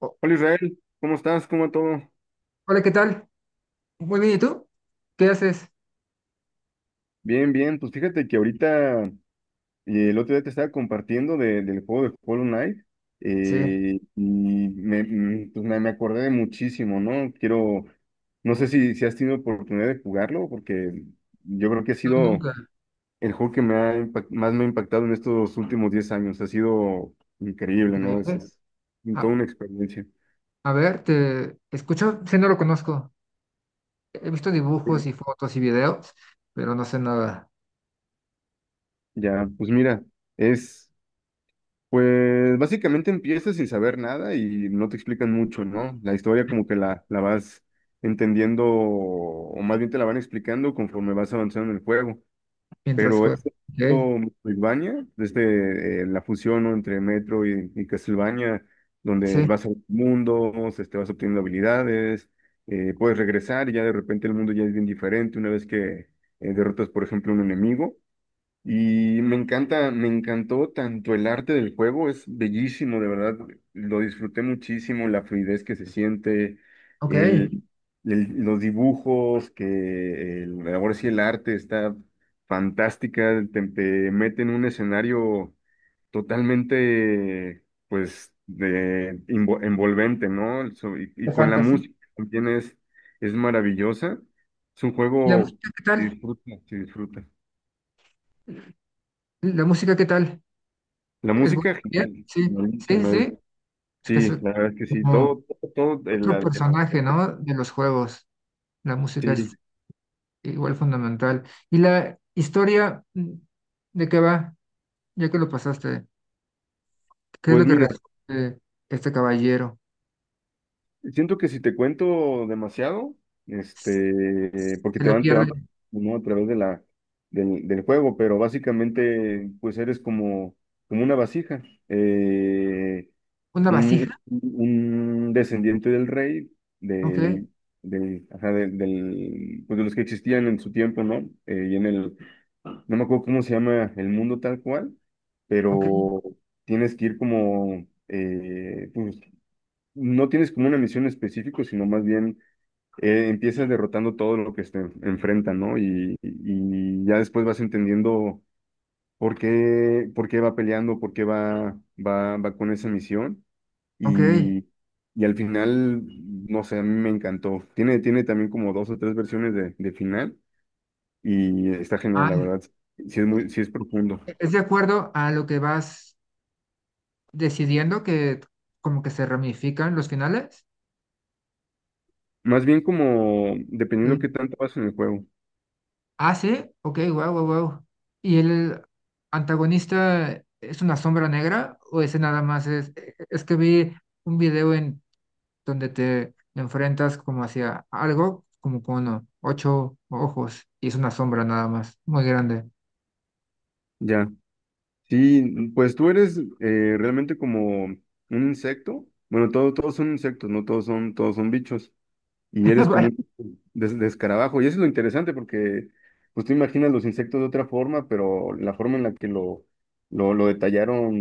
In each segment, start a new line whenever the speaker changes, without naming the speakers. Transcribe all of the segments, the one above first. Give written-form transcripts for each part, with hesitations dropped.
O-
Hola Israel, ¿cómo estás? ¿Cómo va todo?
Hola, ¿qué tal? Muy bien, ¿y tú? ¿Qué haces?
Bien, bien. Pues fíjate que ahorita el otro día te estaba compartiendo del juego de Hollow Knight
Sí,
eh, Y me, mm, pues, me acordé de muchísimo, ¿no? No sé si has tenido oportunidad de jugarlo, porque yo creo que ha
no,
sido
nunca.
el juego que más me ha impactado en estos últimos 10 años. Ha sido increíble, ¿no? Es,
Increíble.
es toda
A,
una experiencia.
a ver, te escucho, sí, no lo conozco. He visto
Sí.
dibujos y fotos y videos, pero no sé nada
Ya, pues mira, es... pues básicamente empiezas sin saber nada y no te explican mucho, ¿no? La historia como que la vas entendiendo, o más bien te la van explicando conforme vas avanzando en el juego.
mientras
Pero
juego.
este
Ok,
mundo Metroidvania, desde la fusión, ¿no?, entre Metro y Castlevania, donde
sí,
vas a mundos, este, vas obteniendo habilidades, puedes regresar y ya de repente el mundo ya es bien diferente una vez que derrotas, por ejemplo, un enemigo. Y me encanta, me encantó tanto el arte del juego, es bellísimo, de verdad, lo disfruté muchísimo, la fluidez que se siente,
ok, de
el, los dibujos, ahora sí el arte está fantástica, te mete en un escenario totalmente, pues, envolvente, ¿no? Y, y con la
fantasía.
música también es maravillosa, es un
¿Y la
juego
música qué tal?
se disfruta.
¿La música qué tal?
La
¿Es buena?
música,
¿Bien?
genial,
Sí, sí,
buenísima.
sí. Es que es
Sí, la verdad es que sí,
como
todo, todo, todo el,
otro
al-
personaje, ¿no? De los juegos. La música es
sí.
igual fundamental. ¿Y la historia de qué va? Ya que lo pasaste, ¿qué es
Pues
lo que
mira,
resuelve este caballero?
siento que si te cuento demasiado, este, porque
Se le pierde
¿no?, a través de del juego, pero básicamente, pues eres como, como una vasija. Eh,
una vasija.
un descendiente del rey,
Ok,
del, del, ajá, del, del- pues de los que existían en su tiempo, ¿no? Eh, y en el, no me acuerdo cómo se llama el mundo tal cual,
ok,
pero tienes que ir como, pues, no tienes como una misión específica, sino más bien empiezas derrotando todo lo que se enfrenta, ¿no? Y ya después vas entendiendo por qué va peleando, por qué va, va, va con esa misión.
ok.
Y, y al final, no sé, a mí me encantó. Tiene, tiene también como dos o tres versiones de final y está genial,
Ah,
la verdad. Sí es muy, sí es profundo.
¿es de acuerdo a lo que vas decidiendo que como que se ramifican los finales?
Más bien como dependiendo
Ok.
qué tanto vas en el juego.
Ah, sí, ok, wow, wow, wow. ¿Y el antagonista es una sombra negra o ese nada más es que vi un video en donde te enfrentas como hacia algo, como con ocho ojos y es una sombra nada más, muy grande.
Ya. Sí, pues tú eres realmente como un insecto. Bueno, todos son insectos, no todos son, todos son bichos. Y eres como
Vaya,
un des- de, y eso es lo interesante porque, pues tú imaginas los insectos de otra forma, pero la forma en la que lo detallaron,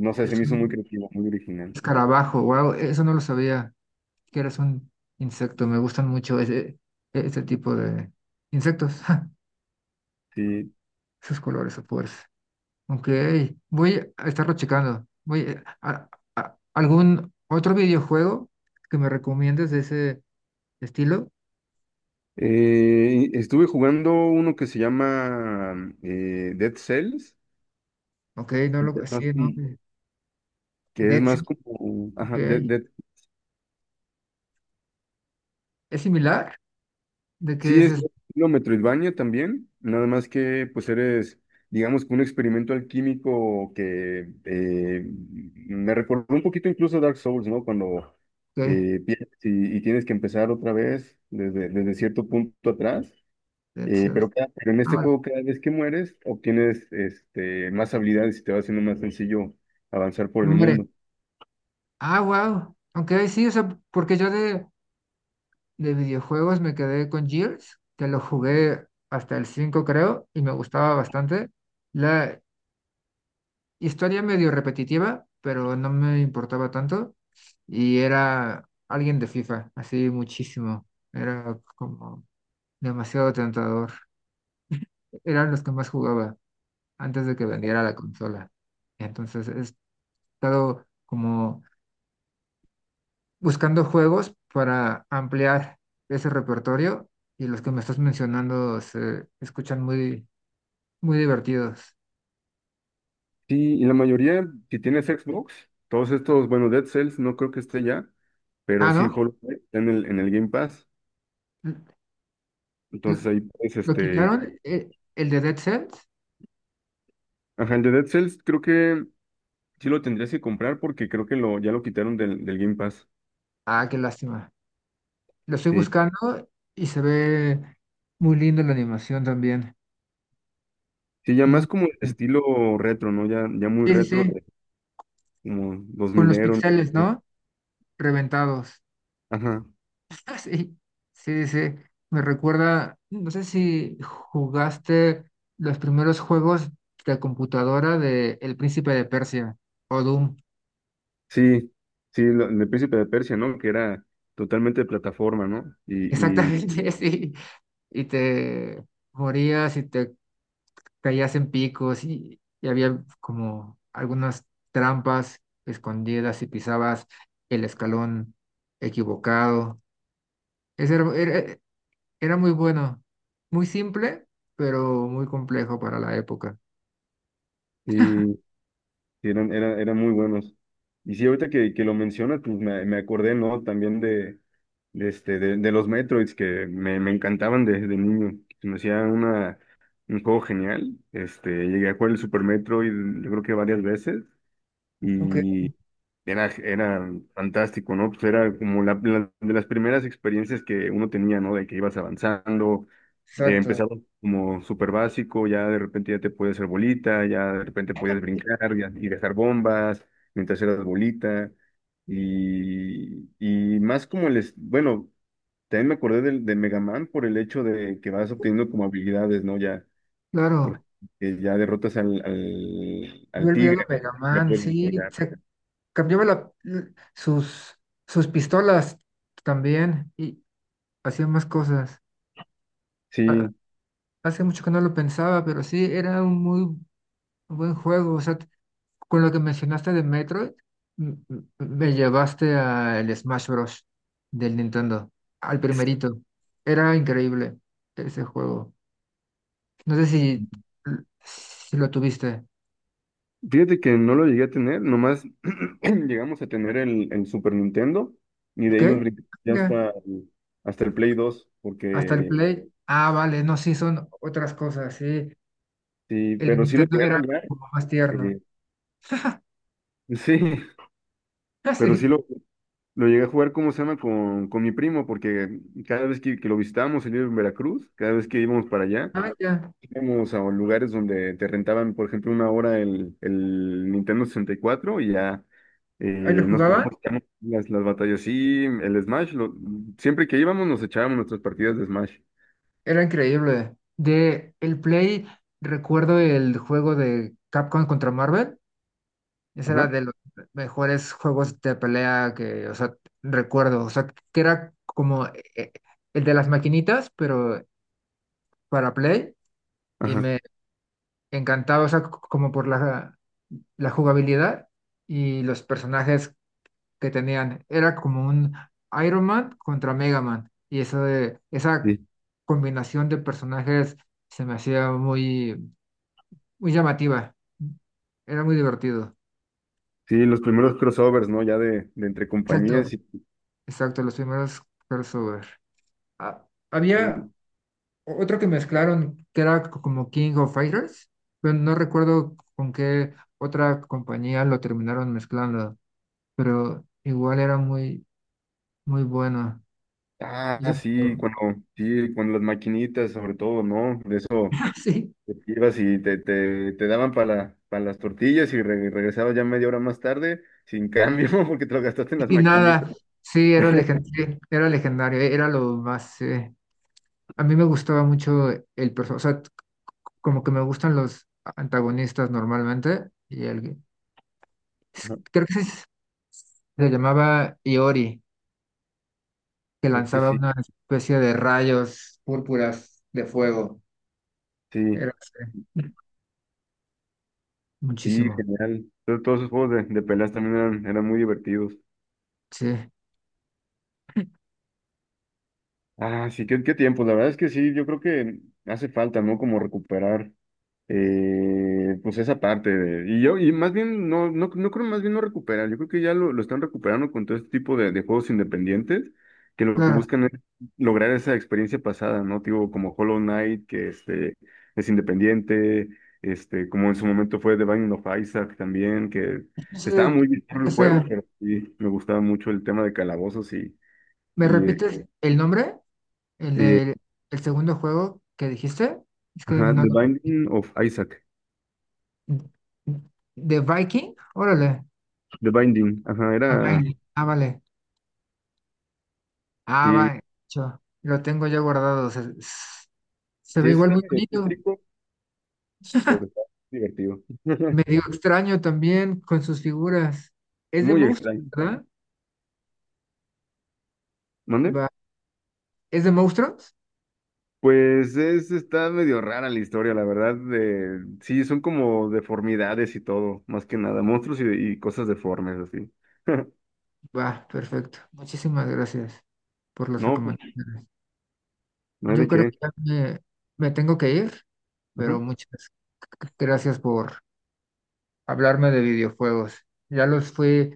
no sé, se
es
me hizo muy
un
creativo, muy original.
escarabajo, wow, eso no lo sabía, que eres un insecto, me gustan mucho ese tipo de insectos,
Sí.
esos colores, o fuerza. Ok, voy a estarlo checando. Voy a- Algún otro videojuego que me recomiendes de ese estilo.
Estuve jugando uno que se llama Dead Cells,
Ok, no
que
lo,
es más
sí,
como,
no,
que es
Dead
más
Cells,
ajá,
ok.
Dead.
¿Es similar? ¿De qué
Sí,
es
es
eso?
lo Metroidvania también, nada más que pues eres, digamos, que un experimento alquímico que me recordó un poquito incluso a Dark Souls, ¿no? Cuando
Ok,
pierdes y tienes que empezar otra vez desde, desde cierto punto atrás,
Dead Cells.
pero en
Ah,
este
vale,
juego cada vez que mueres obtienes, este, más habilidades y te va haciendo más sencillo avanzar por
no
el
muere.
mundo.
Ah, wow. Ok, sí, o sea, porque yo de videojuegos me quedé con Gears, que lo jugué hasta el 5 creo, y me gustaba bastante. La historia medio repetitiva, pero no me importaba tanto. Y era alguien de FIFA, así muchísimo. Era como demasiado tentador. Eran los que más jugaba antes de que vendiera la consola. Entonces he estado como buscando juegos para ampliar ese repertorio y los que me estás mencionando se escuchan muy, muy divertidos.
Sí, y la mayoría, si tienes Xbox, todos estos, bueno, Dead Cells no creo que esté ya. Pero
Ah,
sí,
¿no?
Hollow Knight está en el Game Pass.
L-
Entonces
l-
ahí puedes,
¿Lo
este.
quitaron el de Dead Cells?
Ajá, el de Dead Cells creo que sí lo tendrías que comprar, porque creo que lo, ya lo quitaron del Game Pass.
Ah, qué lástima. Lo estoy
Sí.
buscando y se ve muy lindo la animación también.
Sí, ya
Muy...
más como estilo retro, ¿no? Ya, ya muy
Sí, sí,
retro,
sí,
de como dos
con los
ero.
pixeles, ¿no? Reventados.
Ajá.
Ah, sí, sí, sí. Me recuerda, no sé si jugaste los primeros juegos de computadora de El Príncipe de Persia o Doom.
Sí, sí, el de Príncipe de Persia, ¿no? Que era totalmente de plataforma, ¿no?
Exactamente, sí. Y te morías y te caías en picos y había como algunas trampas escondidas y pisabas el escalón equivocado. Ese era, era era muy bueno, muy simple, pero muy complejo para la época.
Y, sí, eran, eran, eran muy buenos. Y sí, ahorita que lo mencionas, pues me acordé, ¿no? También de los Metroids que me encantaban desde niño. Se me hacía una, un juego genial. Este, llegué a jugar el Super Metroid, yo creo que varias veces.
Ok.
Y, era, era fantástico, ¿no? Pues era como de las primeras experiencias que uno tenía, ¿no? De que ibas avanzando,
Exacto,
empezaba como súper básico, ya de repente ya te podías hacer bolita, ya de repente podías brincar y dejar bombas mientras eras bolita. Y más como bueno, también me acordé del, de Mega Man, por el hecho de que vas obteniendo como habilidades, ¿no? Ya,
claro.
porque ya derrotas
Yo
al
el video
tigre, ¿no?
Mega
Ya
Man,
puedes
sí,
cargar.
se cambiaba la- sus, sus pistolas también y hacía más cosas. Ha-
Sí.
Hace mucho que no lo pensaba, pero sí, era un muy buen juego. O sea, con lo que mencionaste de Metroid, me llevaste al Smash Bros. Del Nintendo, al primerito. Era increíble ese juego. No sé si, si lo tuviste.
Fíjate que no lo llegué a tener, nomás llegamos a tener el Super Nintendo y de
¿Ok?
ahí nos brincamos ya
Venga.
hasta, hasta el Play dos,
Hasta el
porque
Play. Ah, vale, no, sí, son otras cosas, sí.
sí,
El
pero sí lo
Nintendo
llegué a
era
jugar,
como más tierno.
eh, sí,
Ah,
pero
sí.
sí lo llegué a jugar. ¿Cómo se llama? Con mi primo, porque cada vez que lo visitábamos, él vive en Veracruz, cada vez que íbamos para allá,
Ah, ya.
íbamos a lugares donde te rentaban, por ejemplo, una hora el Nintendo 64 y cuatro, y ya
Ahí lo
nos
jugaban.
poníamos a echar las batallas. Sí, el Smash, siempre que íbamos nos echábamos nuestras partidas de Smash.
Era increíble. De el Play, recuerdo el juego de Capcom contra Marvel. Ese era
Ajá,
de los mejores juegos de pelea que, o sea, recuerdo. O sea, que era como el de las maquinitas, pero para Play. Y
ajá,
me encantaba, o sea, como por la, la jugabilidad y los personajes que tenían. Era como un Iron Man contra Mega Man. Y eso de, esa
sí.
combinación de personajes se me hacía muy, muy llamativa. Era muy divertido.
Sí, los primeros crossovers, ¿no? Ya de entre
Exacto,
compañías
exacto, los primeros crossover. Ah, había
y-
otro que mezclaron que era como King of Fighters, pero no recuerdo con qué otra compañía lo terminaron mezclando, pero igual era muy, muy bueno. No
ah,
sé si-
sí, cuando las maquinitas, sobre todo, ¿no? De eso.
Sí,
Te ibas y te daban para las tortillas y regresabas ya media hora más tarde sin cambio porque te lo gastaste en las
y
maquinitas.
nada, sí, era
Ajá.
legendario, era legendario, era lo más... a mí me gustaba mucho el personaje, o sea, como que me gustan los antagonistas normalmente, y el, creo que se llamaba Iori, que
Creo que
lanzaba
sí,
una especie de rayos púrpuras de fuego.
sí,
Era sí,
sí,
muchísimo,
genial. Entonces, todos esos juegos de peleas también eran, eran muy divertidos.
sí,
Ah, sí, qué, qué tiempo. La verdad es que sí, yo creo que hace falta, ¿no? Como recuperar pues esa parte y yo, y más bien, no, no, no creo, más bien no recuperar, yo creo que ya lo están recuperando con todo este tipo de juegos independientes, que lo que
claro.
buscan es lograr esa experiencia pasada, ¿no? Tipo, como Hollow Knight, que, este, es independiente, este, como en su momento fue The Binding of Isaac también, que
No sé,
estaba muy bien el
o sea,
juego, pero sí, me gustaba mucho el tema de calabozos y,
¿me
y eh,
repites el nombre? ¿El
eh,
del el segundo juego que dijiste? Es que
ajá,
no...
The Binding of Isaac,
¿De Viking? Órale. Ah,
Era,
Vine. Ah, vale. Ah,
sí.
vale. Cho, lo tengo ya guardado. Se, se
Sí,
ve
ese
igual
está
muy
medio
bonito.
tétrico, pero está divertido.
Medio extraño también con sus figuras. Es de
Muy
monstruos,
extraño.
¿verdad?
¿Mande?
Va. ¿Es de monstruos?
Pues es, está medio rara la historia, la verdad. De, sí, son como deformidades y todo, más que nada, monstruos y cosas deformes, así.
Va, perfecto. Muchísimas gracias por las
No, pues,
recomendaciones.
no hay
Yo
de
creo que
qué.
ya me tengo que ir,
Ajá.
pero muchas gracias por hablarme de videojuegos. Ya los fui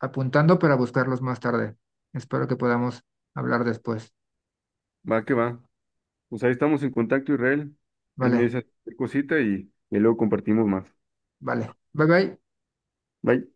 apuntando para buscarlos más tarde. Espero que podamos hablar después.
Va que va. Pues ahí estamos en contacto, Israel. Ahí me
Vale,
dices cualquier cosita y luego compartimos más.
vale. Bye bye.
Bye.